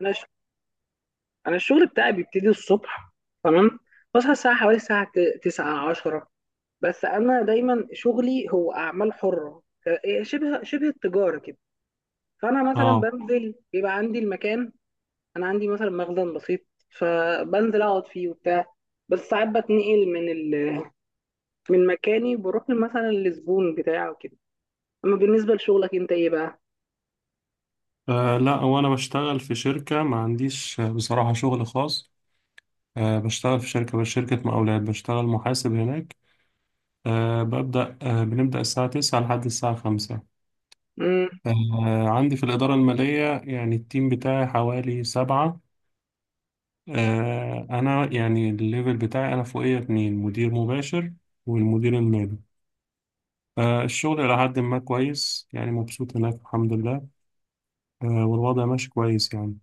انا ش... انا الشغل بتاعي بيبتدي الصبح. تمام. بصحى الساعه، حوالي الساعه 9 10. بس انا دايما شغلي هو اعمال حره. إيه، شبه التجاره كده. فانا مثلا اه بنزل، بيبقى عندي المكان. انا عندي مثلا مخزن بسيط، فبنزل اقعد فيه وبتاع. بس ساعات بتنقل من مكاني، بروح مثلا للزبون بتاعه كده. اما بالنسبه لشغلك انت، ايه بقى؟ لا وانا بشتغل في شركة ما عنديش، بصراحة شغل خاص. بشتغل في شركة، بس شركة مقاولات، بشتغل محاسب هناك. آه، ببدأ آه، بنبدأ الساعة 9 لحد الساعة 5. امم. عندي في الإدارة المالية يعني التيم بتاعي حوالي سبعة. أنا يعني الليفل بتاعي أنا فوقية اتنين، مدير مباشر والمدير المالي. الشغل إلى حد ما كويس، يعني مبسوط هناك، الحمد لله. والوضع ماشي كويس يعني.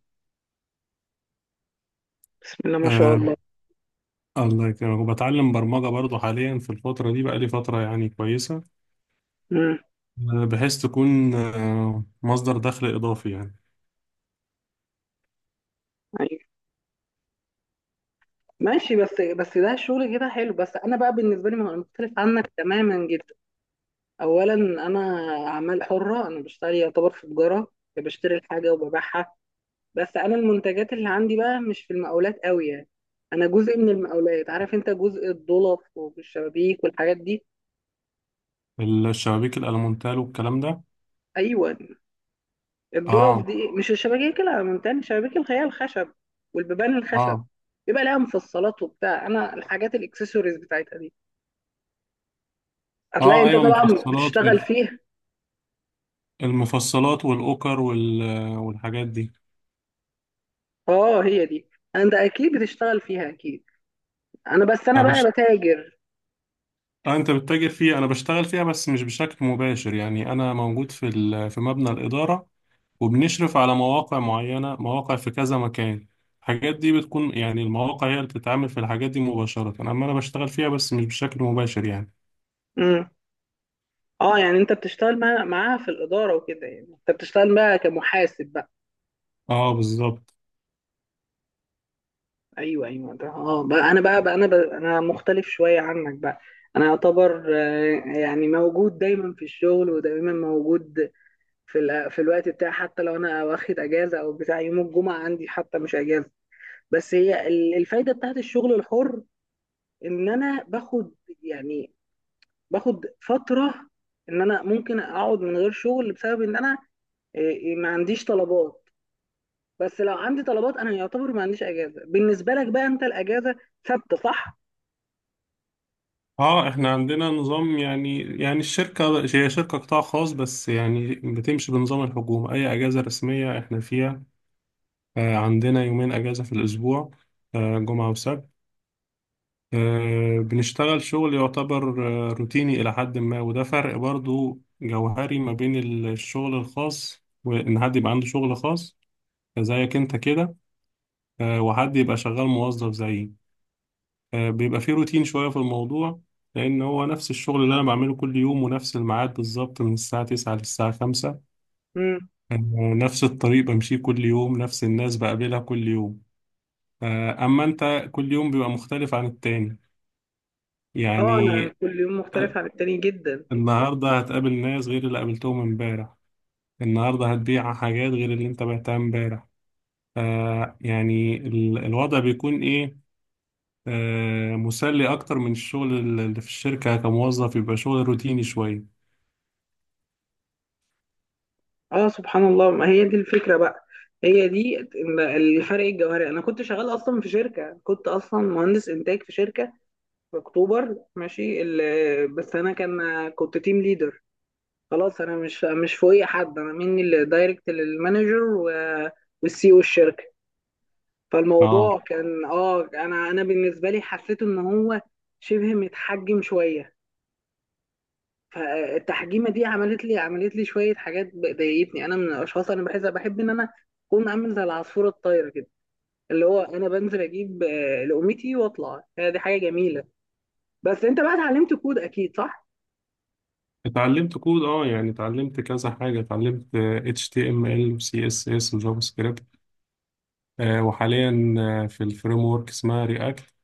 بسم الله ما شاء آه، الله. الله يكرمك. وبتعلم برمجة برضو حاليا في الفترة دي؟ بقالي فترة يعني كويسة، امم. بحيث تكون مصدر دخل إضافي يعني. ماشي. بس ده شغل كده حلو، بس انا بقى بالنسبه لي مختلف عنك تماما جدا. اولا انا، اعمال حره، انا بشتغل يعتبر في تجاره، بشتري الحاجه وببيعها. بس انا المنتجات اللي عندي بقى مش في المقاولات قوي يعني. انا جزء من المقاولات، عارف انت، جزء الضلف والشبابيك والحاجات دي. الشبابيك الألمونتال والكلام ده. ايوه. الضلف اه. دي مش الشبابيك، لا، من تاني الشبابيك اللي هي الخشب، والبيبان الخشب. اه. يبقى لها مفصلات وبتاع. انا الحاجات الاكسسوارز بتاعتها دي هتلاقي اه، انت ايوه، طبعا المفصلات بتشتغل فيها. المفصلات والأوكر والحاجات دي. اه، هي دي. انت اكيد بتشتغل فيها اكيد. انا، بس انا أنا بش... بقى بتاجر. انت بتتاجر فيها، انا بشتغل فيها بس مش بشكل مباشر يعني. انا موجود في في مبنى الإدارة، وبنشرف على مواقع معينة، مواقع في كذا مكان. الحاجات دي بتكون يعني المواقع هي اللي بتتعامل في الحاجات دي مباشرة، أما أنا بشتغل فيها بس مش بشكل مباشر يعني. امم. اه، يعني انت بتشتغل معاها في الاداره وكده، يعني انت بتشتغل بقى كمحاسب بقى. اه، بالظبط. ايوه، ايوه، ده. اه بقى انا مختلف شويه عنك بقى. انا يعتبر، يعني موجود دايما في الشغل، ودايما موجود في الوقت بتاعي. حتى لو انا واخد اجازه او بتاع، يوم الجمعه عندي حتى مش اجازه. بس هي الفايده بتاعت الشغل الحر ان انا باخد، يعني باخد فتره، ان انا ممكن اقعد من غير شغل بسبب ان انا، إيه، ما عنديش طلبات. بس لو عندي طلبات، انا يعتبر ما عنديش اجازه. بالنسبه لك بقى، انت الاجازه ثابته، صح؟ اه، احنا عندنا نظام، يعني الشركة هي شركة قطاع خاص، بس يعني بتمشي بنظام الحكومة، أي أجازة رسمية احنا فيها. آه، عندنا يومين أجازة في الأسبوع، آه، جمعة وسبت. بنشتغل شغل يعتبر روتيني إلى حد ما، وده فرق برضو جوهري ما بين الشغل الخاص، وإن حد يبقى عنده شغل خاص زيك أنت كده، وحد يبقى شغال موظف زيي. بيبقى فيه روتين شوية في الموضوع، لأن هو نفس الشغل اللي أنا بعمله كل يوم، ونفس الميعاد بالظبط من الساعة 9 للساعة 5. امم. آه، نفس الطريق بمشيه كل يوم، نفس الناس بقابلها كل يوم. أما أنت كل يوم بيبقى مختلف عن التاني اه، انا يعني. كل يوم مختلف عن التاني جدا. النهاردة هتقابل ناس غير اللي قابلتهم امبارح، النهاردة هتبيع حاجات غير اللي انت بعتها امبارح. يعني الوضع بيكون ايه، مسلي اكتر من الشغل اللي في الشركة كموظف، يبقى شغل روتيني شوية. اه، سبحان الله، ما هي دي الفكره بقى. هي دي الفرق الجوهري. انا كنت شغال اصلا في شركه، كنت اصلا مهندس انتاج في شركه في اكتوبر، بس انا كان كنت تيم ليدر. خلاص، انا مش فوقي حد، انا مني اللي دايركت للمانجر والسي او الشركه. اه، فالموضوع كان، انا بالنسبه لي حسيت ان هو شبه متحجم شويه. فالتحجيمه دي عملت لي شويه حاجات ضايقتني. انا من الاشخاص، انا بحس، بحب ان انا اكون عامل زي العصفوره الطايره كده، اللي هو انا بنزل اجيب لقمتي واطلع. هي دي حاجه جميله. بس انت بقى اتعلمت كود اكيد، صح؟ اتعلمت كود. اه، يعني اتعلمت كذا حاجة، اتعلمت HTML و CSS و JavaScript. وحاليا في الفريم ورك اسمها React.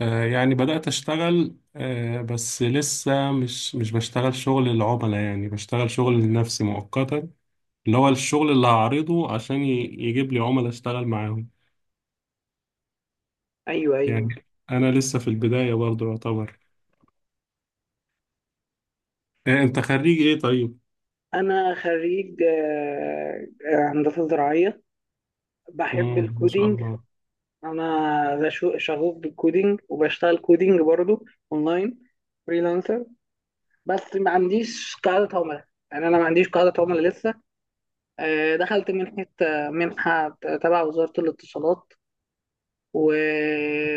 يعني بدأت أشتغل، بس لسه مش بشتغل شغل العملاء، يعني بشتغل شغل لنفسي مؤقتا، اللي هو الشغل اللي هعرضه عشان يجيب لي عملاء أشتغل معاهم ايوه، ايوه. يعني. أنا لسه في البداية برضو يعتبر. أنت خريج إيه طيب؟ انا خريج، هندسه زراعيه. بحب مم، ما شاء الكودينج. الله. انا شغوف بالكودينج، وبشتغل كودينج برضو، اونلاين، فريلانسر. بس ما عنديش قاعدة عملاء، يعني انا ما عنديش قاعدة عملاء لسه. دخلت منحة تبع وزارة الاتصالات، و...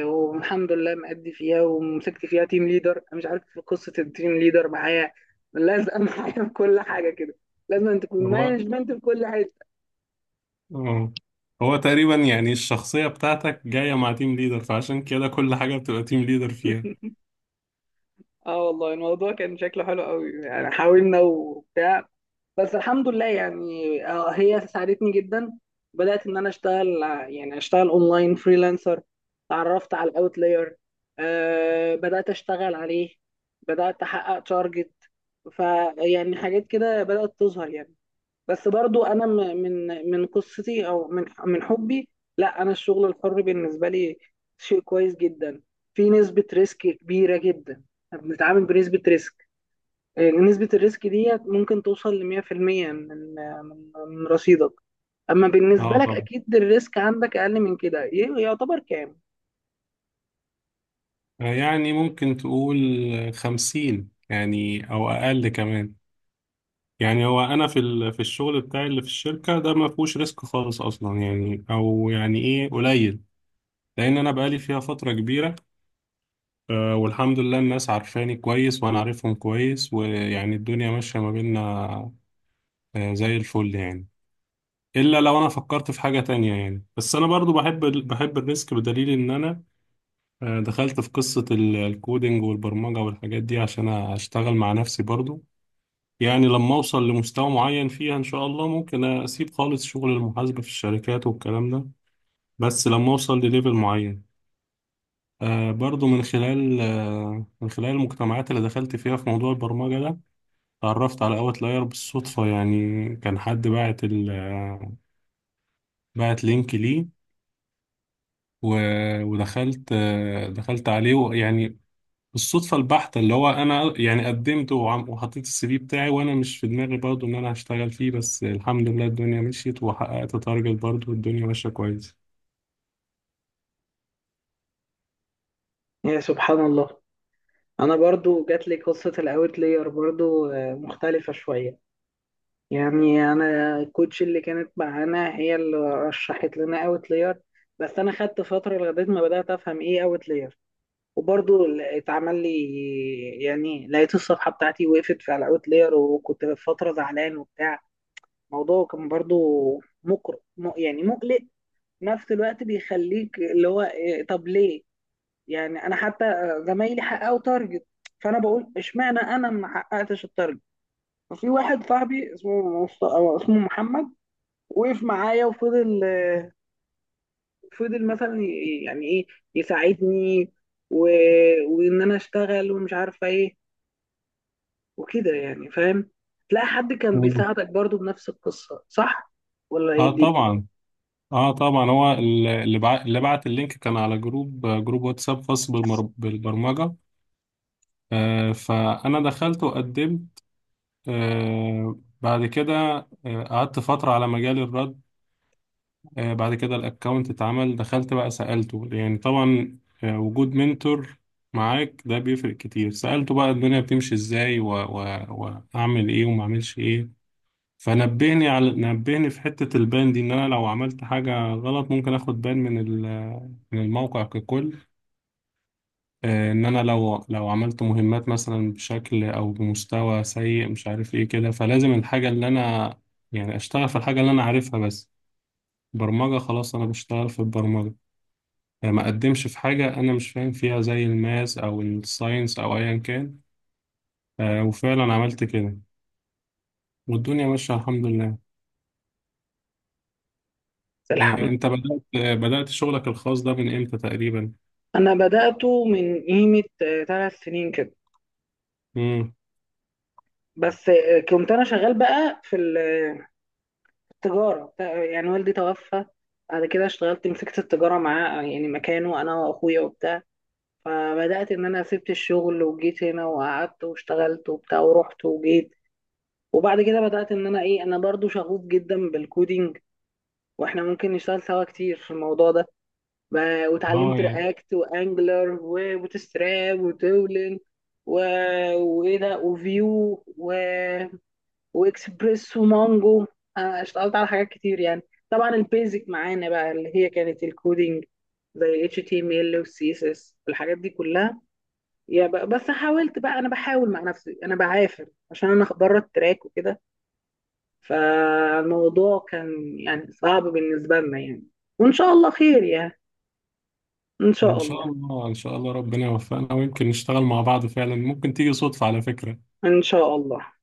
والحمد لله مأدي فيها، ومسكت فيها تيم ليدر. أنا مش عارف في قصة التيم ليدر معايا، لازقة معايا في كل حاجة كده. لازم أن تكون هو مانجمنت في كل حاجة. آه، هو تقريبا يعني الشخصية بتاعتك جاية مع تيم ليدر، فعشان كده كل حاجة بتبقى تيم ليدر فيها. اه والله الموضوع كان شكله حلو قوي، يعني حاولنا وبتاع. بس الحمد لله، يعني هي ساعدتني جدا. بدأت ان انا يعني اشتغل اونلاين فريلانسر. اتعرفت على الاوتلاير، أه، بدأت اشتغل عليه، بدأت احقق تارجت، فيعني حاجات كده بدأت تظهر يعني. بس برضو انا من قصتي، او من حبي، لا، انا الشغل الحر بالنسبه لي شيء كويس جدا. في نسبه ريسك كبيره جدا، بنتعامل بنسبه ريسك، نسبه الريسك دي ممكن توصل ل 100%، من آه، من من رصيدك. اما بالنسبه اه، لك، طبعا. اكيد الريسك عندك اقل من كده، يعتبر كام؟ يعني ممكن تقول 50 يعني، أو أقل كمان. يعني هو انا في في الشغل بتاعي اللي في الشركه ده ما فيهوش ريسك خالص اصلا يعني، او يعني ايه، قليل، لان انا بقالي فيها فتره كبيره. والحمد لله، الناس عارفاني كويس، وانا عارفهم كويس، ويعني الدنيا ماشيه ما بيننا زي الفل يعني. الا لو انا فكرت في حاجه تانية يعني. بس انا برضو بحب بحب الريسك، بدليل ان انا دخلت في قصه الكودينج والبرمجه والحاجات دي عشان اشتغل مع نفسي برضو. يعني لما أوصل لمستوى معين فيها إن شاء الله ممكن أسيب خالص شغل المحاسبة في الشركات والكلام ده، بس لما أوصل لليفل معين. برضو من خلال من خلال المجتمعات اللي دخلت فيها في موضوع البرمجة ده، اتعرفت على أوت لاير بالصدفة يعني. كان حد باعت ال آه، باعت لينك ليه، ودخلت، دخلت عليه يعني. الصدفة البحتة، اللي هو أنا يعني قدمت وحطيت السي في بتاعي، وأنا مش في دماغي برضو إن أنا هشتغل فيه، بس الحمد لله الدنيا مشيت وحققت تارجت برضو، والدنيا ماشية كويس. يا سبحان الله. انا برضو جات لي قصه الاوتلاير برضو، مختلفه شويه. يعني انا الكوتش اللي كانت معانا هي اللي رشحت لنا اوت لير. بس انا خدت فتره لغايه ما بدات افهم ايه اوت لير، وبرضه اتعمل لي، يعني لقيت الصفحه بتاعتي وقفت في الاوت لير، وكنت في فتره زعلان وبتاع. الموضوع كان برضه يعني مقلق، في نفس الوقت بيخليك اللي هو إيه، طب ليه؟ يعني انا حتى، زمايلي حققوا تارجت. فانا بقول اشمعنى انا ما حققتش التارجت. ففي واحد صاحبي اسمه محمد، وقف معايا وفضل، فضل مثلا يعني ايه، يساعدني، و... وان انا اشتغل ومش عارفه ايه وكده، يعني فاهم. تلاقي حد كان مم. بيساعدك برضو بنفس القصه، صح؟ ولا ايه اه، دي؟ طبعا. اه، طبعا، هو اللي بعت اللينك كان على جروب، جروب واتساب خاص بالبرمجة. فأنا دخلت وقدمت. بعد كده، قعدت فترة على مجال الرد. بعد كده الاكونت اتعمل، دخلت بقى سألته، يعني طبعا وجود منتور معاك ده بيفرق كتير. سألته بقى الدنيا بتمشي ازاي، واعمل ايه وما اعملش ايه. فنبهني على، نبهني في حتة البان دي، ان انا لو عملت حاجة غلط ممكن اخد بان من من الموقع ككل. ان انا لو عملت مهمات مثلا بشكل او بمستوى سيء، مش عارف ايه كده، فلازم الحاجة اللي انا يعني اشتغل في الحاجة اللي انا عارفها بس. برمجة، خلاص انا بشتغل في البرمجة. ما أقدمش في حاجة أنا مش فاهم فيها، زي الماس أو الساينس أو أيا كان. وفعلا عملت كده، والدنيا ماشية الحمد لله. الحمد. أنت بدأت بدأت شغلك الخاص ده من إمتى تقريبا؟ انا بدأته من قيمه، 3 سنين كده. مم. بس كنت انا شغال بقى في ال- آه، التجاره يعني، والدي توفى، بعد كده اشتغلت، مسكت التجاره معاه يعني مكانه، انا واخويا وبتاع. فبدأت إن أنا سبت الشغل وجيت هنا وقعدت واشتغلت وبتاع ورحت وجيت. وبعد كده بدأت إن أنا، إيه، أنا برضو شغوف جدا بالكودينج، وإحنا ممكن نشتغل سوا كتير في الموضوع ده. واتعلمت يعني رياكت وأنجلر وبوتستراب وتولن، و... وإيه ده، وفيو، وإكسبريس ومانجو. أنا اشتغلت على حاجات كتير يعني. طبعا البيزك معانا بقى اللي هي كانت الكودينج، زي ال HTML وال CSS والحاجات دي كلها. بس حاولت بقى، انا بحاول مع نفسي، انا بعافر عشان انا بره التراك وكده. فالموضوع كان يعني صعب بالنسبه لنا يعني، وان شاء الله خير يعني. ان إن شاء الله، شاء الله، إن شاء الله، ربنا يوفقنا، ويمكن نشتغل مع بعض فعلا، ممكن تيجي صدفة على فكرة. ان شاء الله.